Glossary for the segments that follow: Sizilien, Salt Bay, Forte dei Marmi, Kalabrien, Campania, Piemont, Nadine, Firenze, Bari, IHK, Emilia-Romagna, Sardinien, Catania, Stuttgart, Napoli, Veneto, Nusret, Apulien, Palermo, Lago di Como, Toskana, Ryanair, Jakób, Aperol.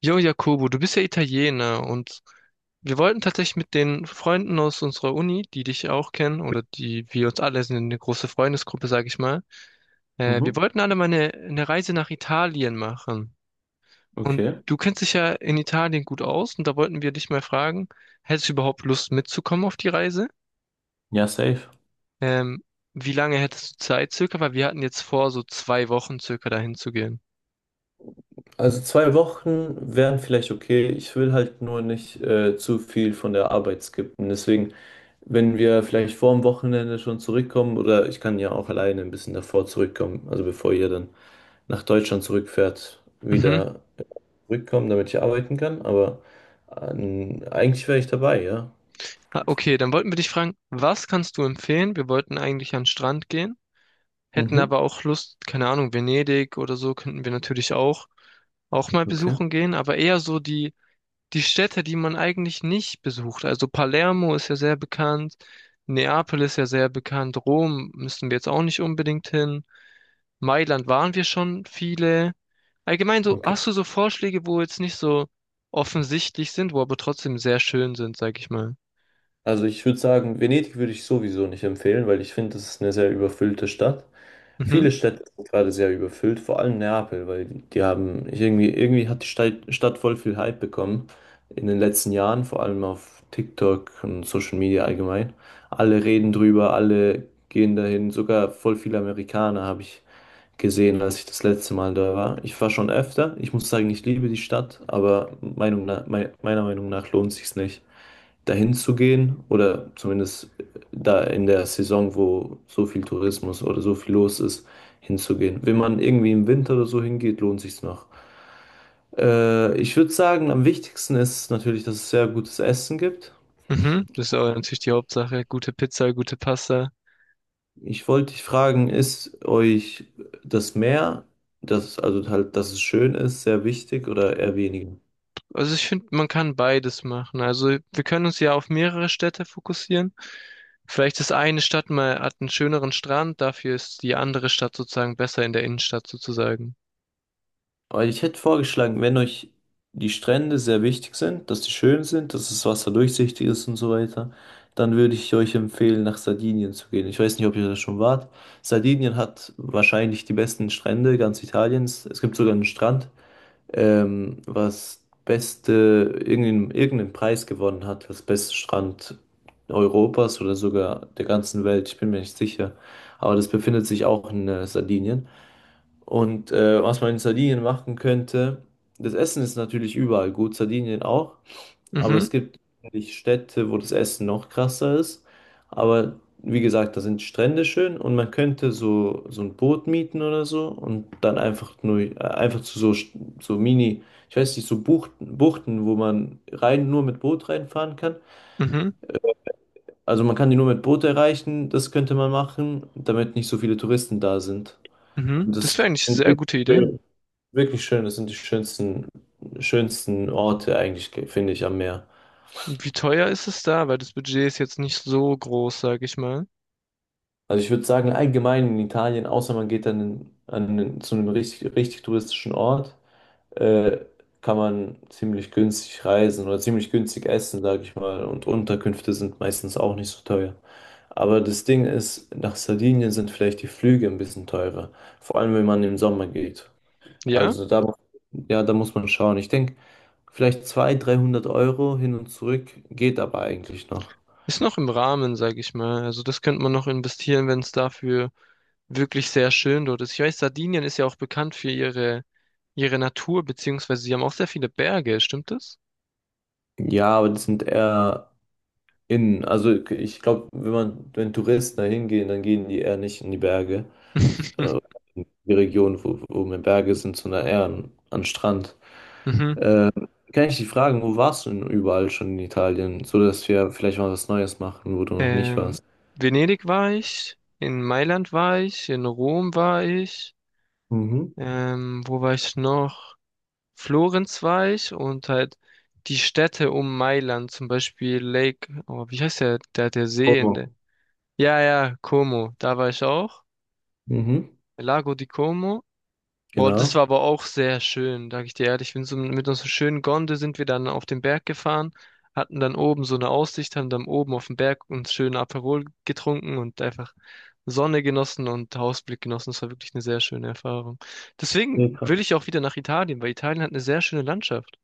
Jo, Jakobo, du bist ja Italiener und wir wollten tatsächlich mit den Freunden aus unserer Uni, die dich ja auch kennen oder die wir uns alle sind eine große Freundesgruppe, sag ich mal. Wir Mhm. wollten alle mal eine Reise nach Italien machen. Und Okay. du kennst dich ja in Italien gut aus und da wollten wir dich mal fragen, hättest du überhaupt Lust mitzukommen auf die Reise? Ja, safe. Ähm, Wie lange hättest du Zeit circa? Weil wir hatten jetzt vor, so 2 Wochen circa dahin zu gehen. Also 2 Wochen vielleicht okay. Ich will halt nur nicht zu viel von der Arbeit skippen. Deswegen, wenn wir vielleicht vor dem Wochenende schon zurückkommen, oder ich kann ja auch alleine ein bisschen davor zurückkommen, also bevor ihr dann nach Deutschland zurückfährt, Mhm. wieder zurückkommen, damit ich arbeiten kann. Aber eigentlich wäre ich dabei, ja. Ah, okay, dann wollten wir dich fragen, was kannst du empfehlen? Wir wollten eigentlich an den Strand gehen, hätten Mhm. aber auch Lust, keine Ahnung, Venedig oder so könnten wir natürlich auch mal Okay. besuchen gehen, aber eher so die Städte, die man eigentlich nicht besucht. Also Palermo ist ja sehr bekannt, Neapel ist ja sehr bekannt, Rom müssen wir jetzt auch nicht unbedingt hin. Mailand waren wir schon viele. Allgemein so, Okay. hast du so Vorschläge, wo jetzt nicht so offensichtlich sind, wo aber trotzdem sehr schön sind, sag ich mal. Also ich würde sagen, Venedig würde ich sowieso nicht empfehlen, weil ich finde, das ist eine sehr überfüllte Stadt. Mhm. Viele Städte sind gerade sehr überfüllt, vor allem Neapel, weil die haben irgendwie hat die Stadt voll viel Hype bekommen in den letzten Jahren, vor allem auf TikTok und Social Media allgemein. Alle reden drüber, alle gehen dahin, sogar voll viele Amerikaner habe ich gesehen, als ich das letzte Mal da war. Ich war schon öfter, ich muss sagen, ich liebe die Stadt, aber Meinung nach, meiner Meinung nach lohnt sich's nicht dahin zu gehen oder zumindest da in der Saison, wo so viel Tourismus oder so viel los ist, hinzugehen. Wenn man irgendwie im Winter oder so hingeht, lohnt sich's noch. Ich würde sagen, am wichtigsten ist natürlich, dass es sehr gutes Essen gibt. Mhm, das ist aber natürlich die Hauptsache. Gute Pizza, gute Pasta. Ich wollte dich fragen, ist euch das Meer, das, also halt, dass es schön ist, sehr wichtig oder eher weniger? Also ich finde, man kann beides machen. Also wir können uns ja auf mehrere Städte fokussieren. Vielleicht ist eine Stadt mal hat einen schöneren Strand, dafür ist die andere Stadt sozusagen besser in der Innenstadt sozusagen. Aber ich hätte vorgeschlagen, wenn euch die Strände sehr wichtig sind, dass die schön sind, dass das Wasser durchsichtig ist und so weiter, dann würde ich euch empfehlen, nach Sardinien zu gehen. Ich weiß nicht, ob ihr da schon wart. Sardinien hat wahrscheinlich die besten Strände ganz Italiens. Es gibt sogar einen Strand, was beste, irgendeinen Preis gewonnen hat, das beste Strand Europas oder sogar der ganzen Welt. Ich bin mir nicht sicher. Aber das befindet sich auch in Sardinien. Und was man in Sardinien machen könnte, das Essen ist natürlich überall gut, Sardinien auch, aber Mhm, es gibt natürlich Städte, wo das Essen noch krasser ist. Aber wie gesagt, da sind Strände schön und man könnte so ein Boot mieten oder so und dann einfach nur, einfach zu so, so Mini, ich weiß nicht, so Buchten, wo man rein nur mit Boot reinfahren kann. mhm, Also man kann die nur mit Boot erreichen, das könnte man machen, damit nicht so viele Touristen da sind. mhm. Und Das wäre das eigentlich eine sind sehr gute Idee. wirklich schön. Das sind die schönsten Orte eigentlich, finde ich, am Meer. Wie teuer ist es da? Weil das Budget ist jetzt nicht so groß, sag ich mal. Also ich würde sagen, allgemein in Italien, außer man geht dann zu einem richtig touristischen Ort, äh, kann man ziemlich günstig reisen oder ziemlich günstig essen, sage ich mal. Und Unterkünfte sind meistens auch nicht so teuer. Aber das Ding ist, nach Sardinien sind vielleicht die Flüge ein bisschen teurer. Vor allem, wenn man im Sommer geht. Ja, Also da, ja, da muss man schauen. Ich denke, vielleicht 200, 300 Euro hin und zurück geht aber eigentlich noch. ist noch im Rahmen, sag ich mal. Also das könnte man noch investieren, wenn es dafür wirklich sehr schön dort ist. Ich weiß, Sardinien ist ja auch bekannt für ihre Natur, beziehungsweise sie haben auch sehr viele Berge, stimmt das? Ja, aber das sind eher innen. Also ich glaube, wenn man, wenn Touristen da hingehen, dann gehen die eher nicht in die Berge. Äh, In die Region, wo mehr Berge sind, sondern eher an Strand. Mhm. Kann ich dich fragen, wo warst du denn überall schon in Italien? So dass wir vielleicht mal was Neues machen, wo du noch nicht Ähm, warst. Venedig war ich, in Mailand war ich, in Rom war ich, Mhm. Wo war ich noch? Florenz war ich und halt die Städte um Mailand, zum Beispiel Lake, oh, wie heißt der See in Como. der, ja, ja, Como, da war ich auch, Mhm, Lago di Como. Boah, das genau. war aber auch sehr schön, sag ich dir ehrlich. Ich bin so mit unserer schönen Gondel sind wir dann auf den Berg gefahren, hatten dann oben so eine Aussicht, haben dann oben auf dem Berg uns schön Aperol getrunken und einfach Sonne genossen und Ausblick genossen. Das war wirklich eine sehr schöne Erfahrung. Deswegen will ich auch wieder nach Italien, weil Italien hat eine sehr schöne Landschaft.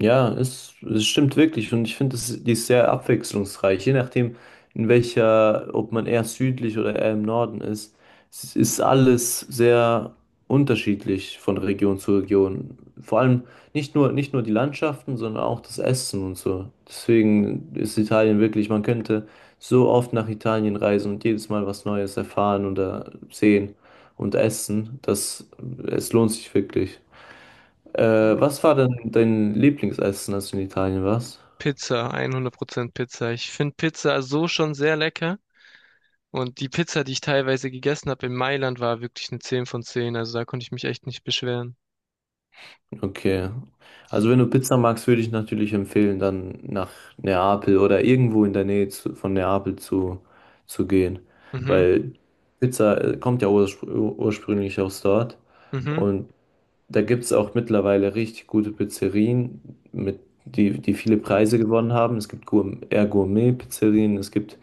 Ja, es stimmt wirklich und ich finde, es- die ist sehr abwechslungsreich. Je nachdem, in welcher, ob man eher südlich oder eher im Norden ist, es ist alles sehr unterschiedlich von Region zu Region. Vor allem nicht nur die Landschaften, sondern auch das Essen und so. Deswegen ist Italien wirklich, man könnte so oft nach Italien reisen und jedes Mal was Neues erfahren oder sehen und essen, dass es lohnt sich wirklich. Was war denn dein Lieblingsessen, als du in Italien warst? Pizza, 100% Pizza. Ich finde Pizza so schon sehr lecker. Und die Pizza, die ich teilweise gegessen habe in Mailand, war wirklich eine 10 von 10. Also da konnte ich mich echt nicht beschweren. Okay. Also wenn du Pizza magst, würde ich natürlich empfehlen, dann nach Neapel oder irgendwo in der Nähe von Neapel zu gehen. Mhm, Weil Pizza kommt ja ursprünglich aus dort. mhm. Und da gibt es auch mittlerweile richtig gute Pizzerien, mit, die viele Preise gewonnen haben. Es gibt Gour eher Gourmet-Pizzerien, es gibt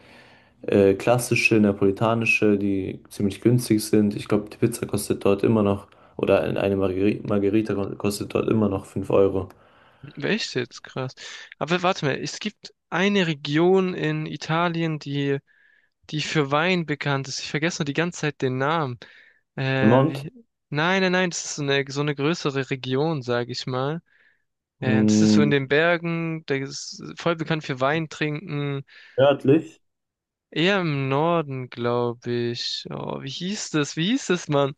klassische, neapolitanische, die ziemlich günstig sind. Ich glaube, die Pizza kostet dort immer noch, oder eine Margherita kostet dort immer noch 5 Euro. Echt jetzt? Krass. Aber warte mal, es gibt eine Region in Italien, die, die für Wein bekannt ist. Ich vergesse nur die ganze Zeit den Namen. Äh, Piemont, wie, nein, nein, nein, das ist so eine größere Region, sage ich mal. Das ist so in den mh, Bergen, da ist voll bekannt für Wein trinken. nördlich. Eher im Norden, glaube ich. Oh, wie hieß das? Wie hieß das, Mann?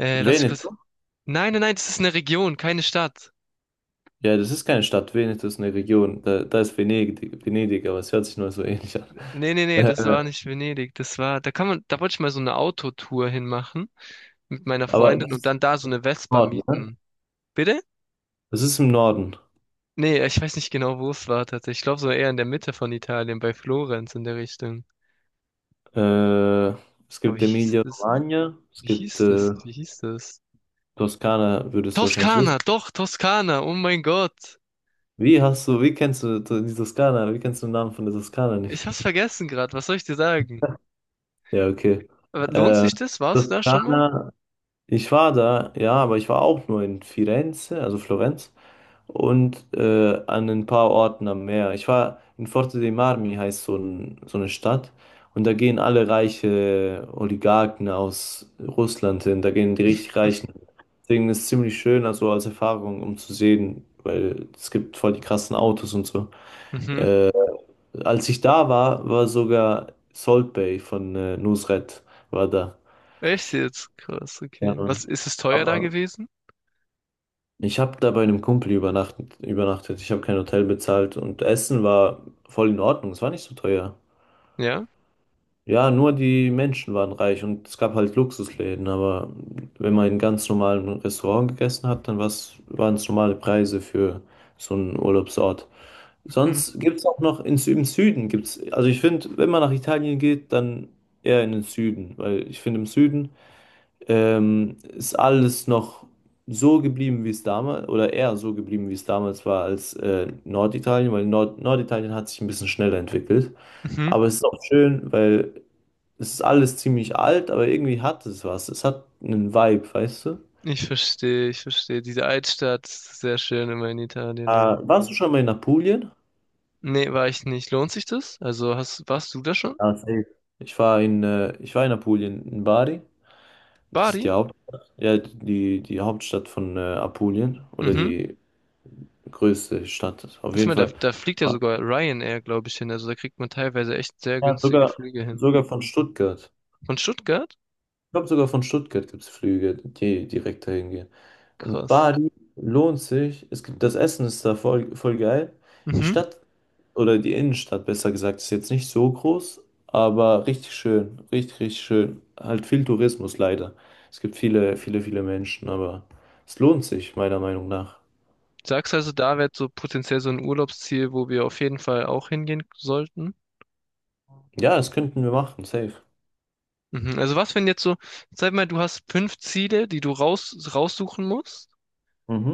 Lass ich kurz. Veneto? Nein, nein, nein, das ist eine Region, keine Stadt. Ja, das ist keine Stadt. Veneto ist eine Region. Da ist Venedig, aber es hört sich nur so ähnlich an. Nee, nee, nee, Äh, das war nicht Venedig. Das war, da kann man, da wollte ich mal so eine Autotour hinmachen mit meiner aber das Freundin und ist dann da so im eine Vespa Norden, ne? mieten. Bitte? Das ist im Norden. Nee, ich weiß nicht genau, wo es war tatsächlich. Ich glaube, so eher in der Mitte von Italien, bei Florenz in der Richtung. Äh, es Aber wie gibt hieß das? Emilia-Romagna, es Wie gibt hieß das? Wie hieß das? Toskana, würdest du wahrscheinlich wissen. Toskana, doch, Toskana, oh mein Gott. Wie hast du, wie kennst du die Toskana? Wie kennst du den Namen von der Toskana nicht? Ich hab's vergessen gerade, was soll ich dir sagen? Ja, okay. Aber lohnt Äh, sich das? Warst du da schon mal? Toskana, ich war da, ja, aber ich war auch nur in Firenze, also Florenz, und an ein paar Orten am Meer. Ich war in Forte dei Marmi, heißt so, ein, so eine Stadt, und da gehen alle reiche Oligarchen aus Russland hin, da gehen die richtig Reichen. Deswegen ist es ziemlich schön, also als Erfahrung, um zu sehen, weil es gibt voll die krassen Autos und so. Mhm. Äh, Als ich da war, war sogar Salt Bay von Nusret war da. Echt jetzt? Krass, Ja, okay. Was, Mann. ist es teuer da Aber gewesen? ich habe da bei einem Kumpel übernachtet. Ich habe kein Hotel bezahlt und Essen war voll in Ordnung. Es war nicht so teuer. Ja? Ja, nur die Menschen waren reich und es gab halt Luxusläden, aber wenn man in ganz normalen Restaurant gegessen hat, dann war's, waren es normale Preise für so einen Urlaubsort. Mhm. Sonst gibt es auch noch im Süden gibt's, also ich finde, wenn man nach Italien geht, dann eher in den Süden, weil ich finde, im Süden ist alles noch so geblieben, wie es damals, oder eher so geblieben, wie es damals war, als Norditalien, weil Norditalien hat sich ein bisschen schneller entwickelt. Mhm. Aber es ist auch schön, weil es ist alles ziemlich alt, aber irgendwie hat es was. Es hat einen Vibe, weißt du? Ich verstehe, ich verstehe. Diese Altstadt, sehr schön immer in Äh, Italien, ja. warst du schon mal in Apulien? Nee, war ich nicht. Lohnt sich das? Also hast, warst du da schon? Ja, safe. Ich war ich war in Apulien, in Bari. Das ist Bari? die Hauptstadt, ja, die Hauptstadt von Apulien oder Mhm. die größte Stadt. Auf Warte jeden mal, da, Fall. da fliegt ja sogar Ryanair, glaube ich, hin. Also da kriegt man teilweise echt sehr Ja, günstige Flüge hin. sogar von Stuttgart. Von Stuttgart? Ich glaube, sogar von Stuttgart gibt es Flüge, die direkt dahin gehen. Und Krass. Bali lohnt sich. Es gibt, das Essen ist da voll geil. Die Mhm. Stadt oder die Innenstadt, besser gesagt, ist jetzt nicht so groß, aber richtig schön. Richtig schön. Halt viel Tourismus leider. Es gibt viele Menschen, aber es lohnt sich, meiner Meinung nach. Sagst also, da wäre so potenziell so ein Urlaubsziel, wo wir auf jeden Fall auch hingehen sollten? Ja, das könnten wir machen, safe. Mhm. Also was, wenn jetzt so, sag mal, du hast 5 Ziele, die du raussuchen musst.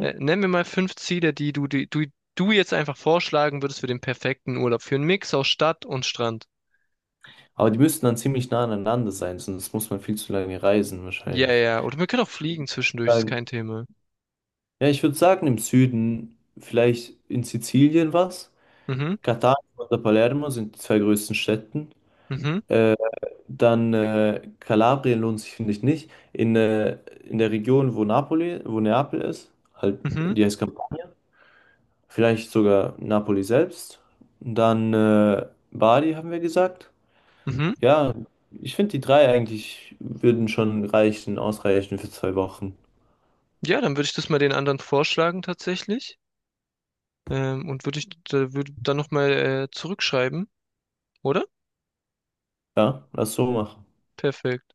Nenn mir mal 5 Ziele, die du jetzt einfach vorschlagen würdest für den perfekten Urlaub. Für einen Mix aus Stadt und Strand. Aber die müssten dann ziemlich nah aneinander sein, sonst muss man viel zu lange reisen Ja, wahrscheinlich. ja. Oder wir können auch fliegen zwischendurch, ist Sagen- kein Thema. ja, ich würde sagen, im Süden, vielleicht in Sizilien was. Mhm, Catania oder Palermo sind die zwei größten Städten. mhm, Äh, dann Kalabrien lohnt sich, finde ich, nicht. In der Region, wo Napoli, wo Neapel ist, halt, mhm, die heißt Campania, vielleicht sogar Napoli selbst. Dann Bari, haben wir gesagt. mhm. Ja, ich finde die drei eigentlich würden schon reichen, ausreichen für 2 Wochen. Ja, dann würde ich das mal den anderen vorschlagen tatsächlich. Und würde ich da, würde dann nochmal zurückschreiben, oder? Ja, lass so machen. Perfekt.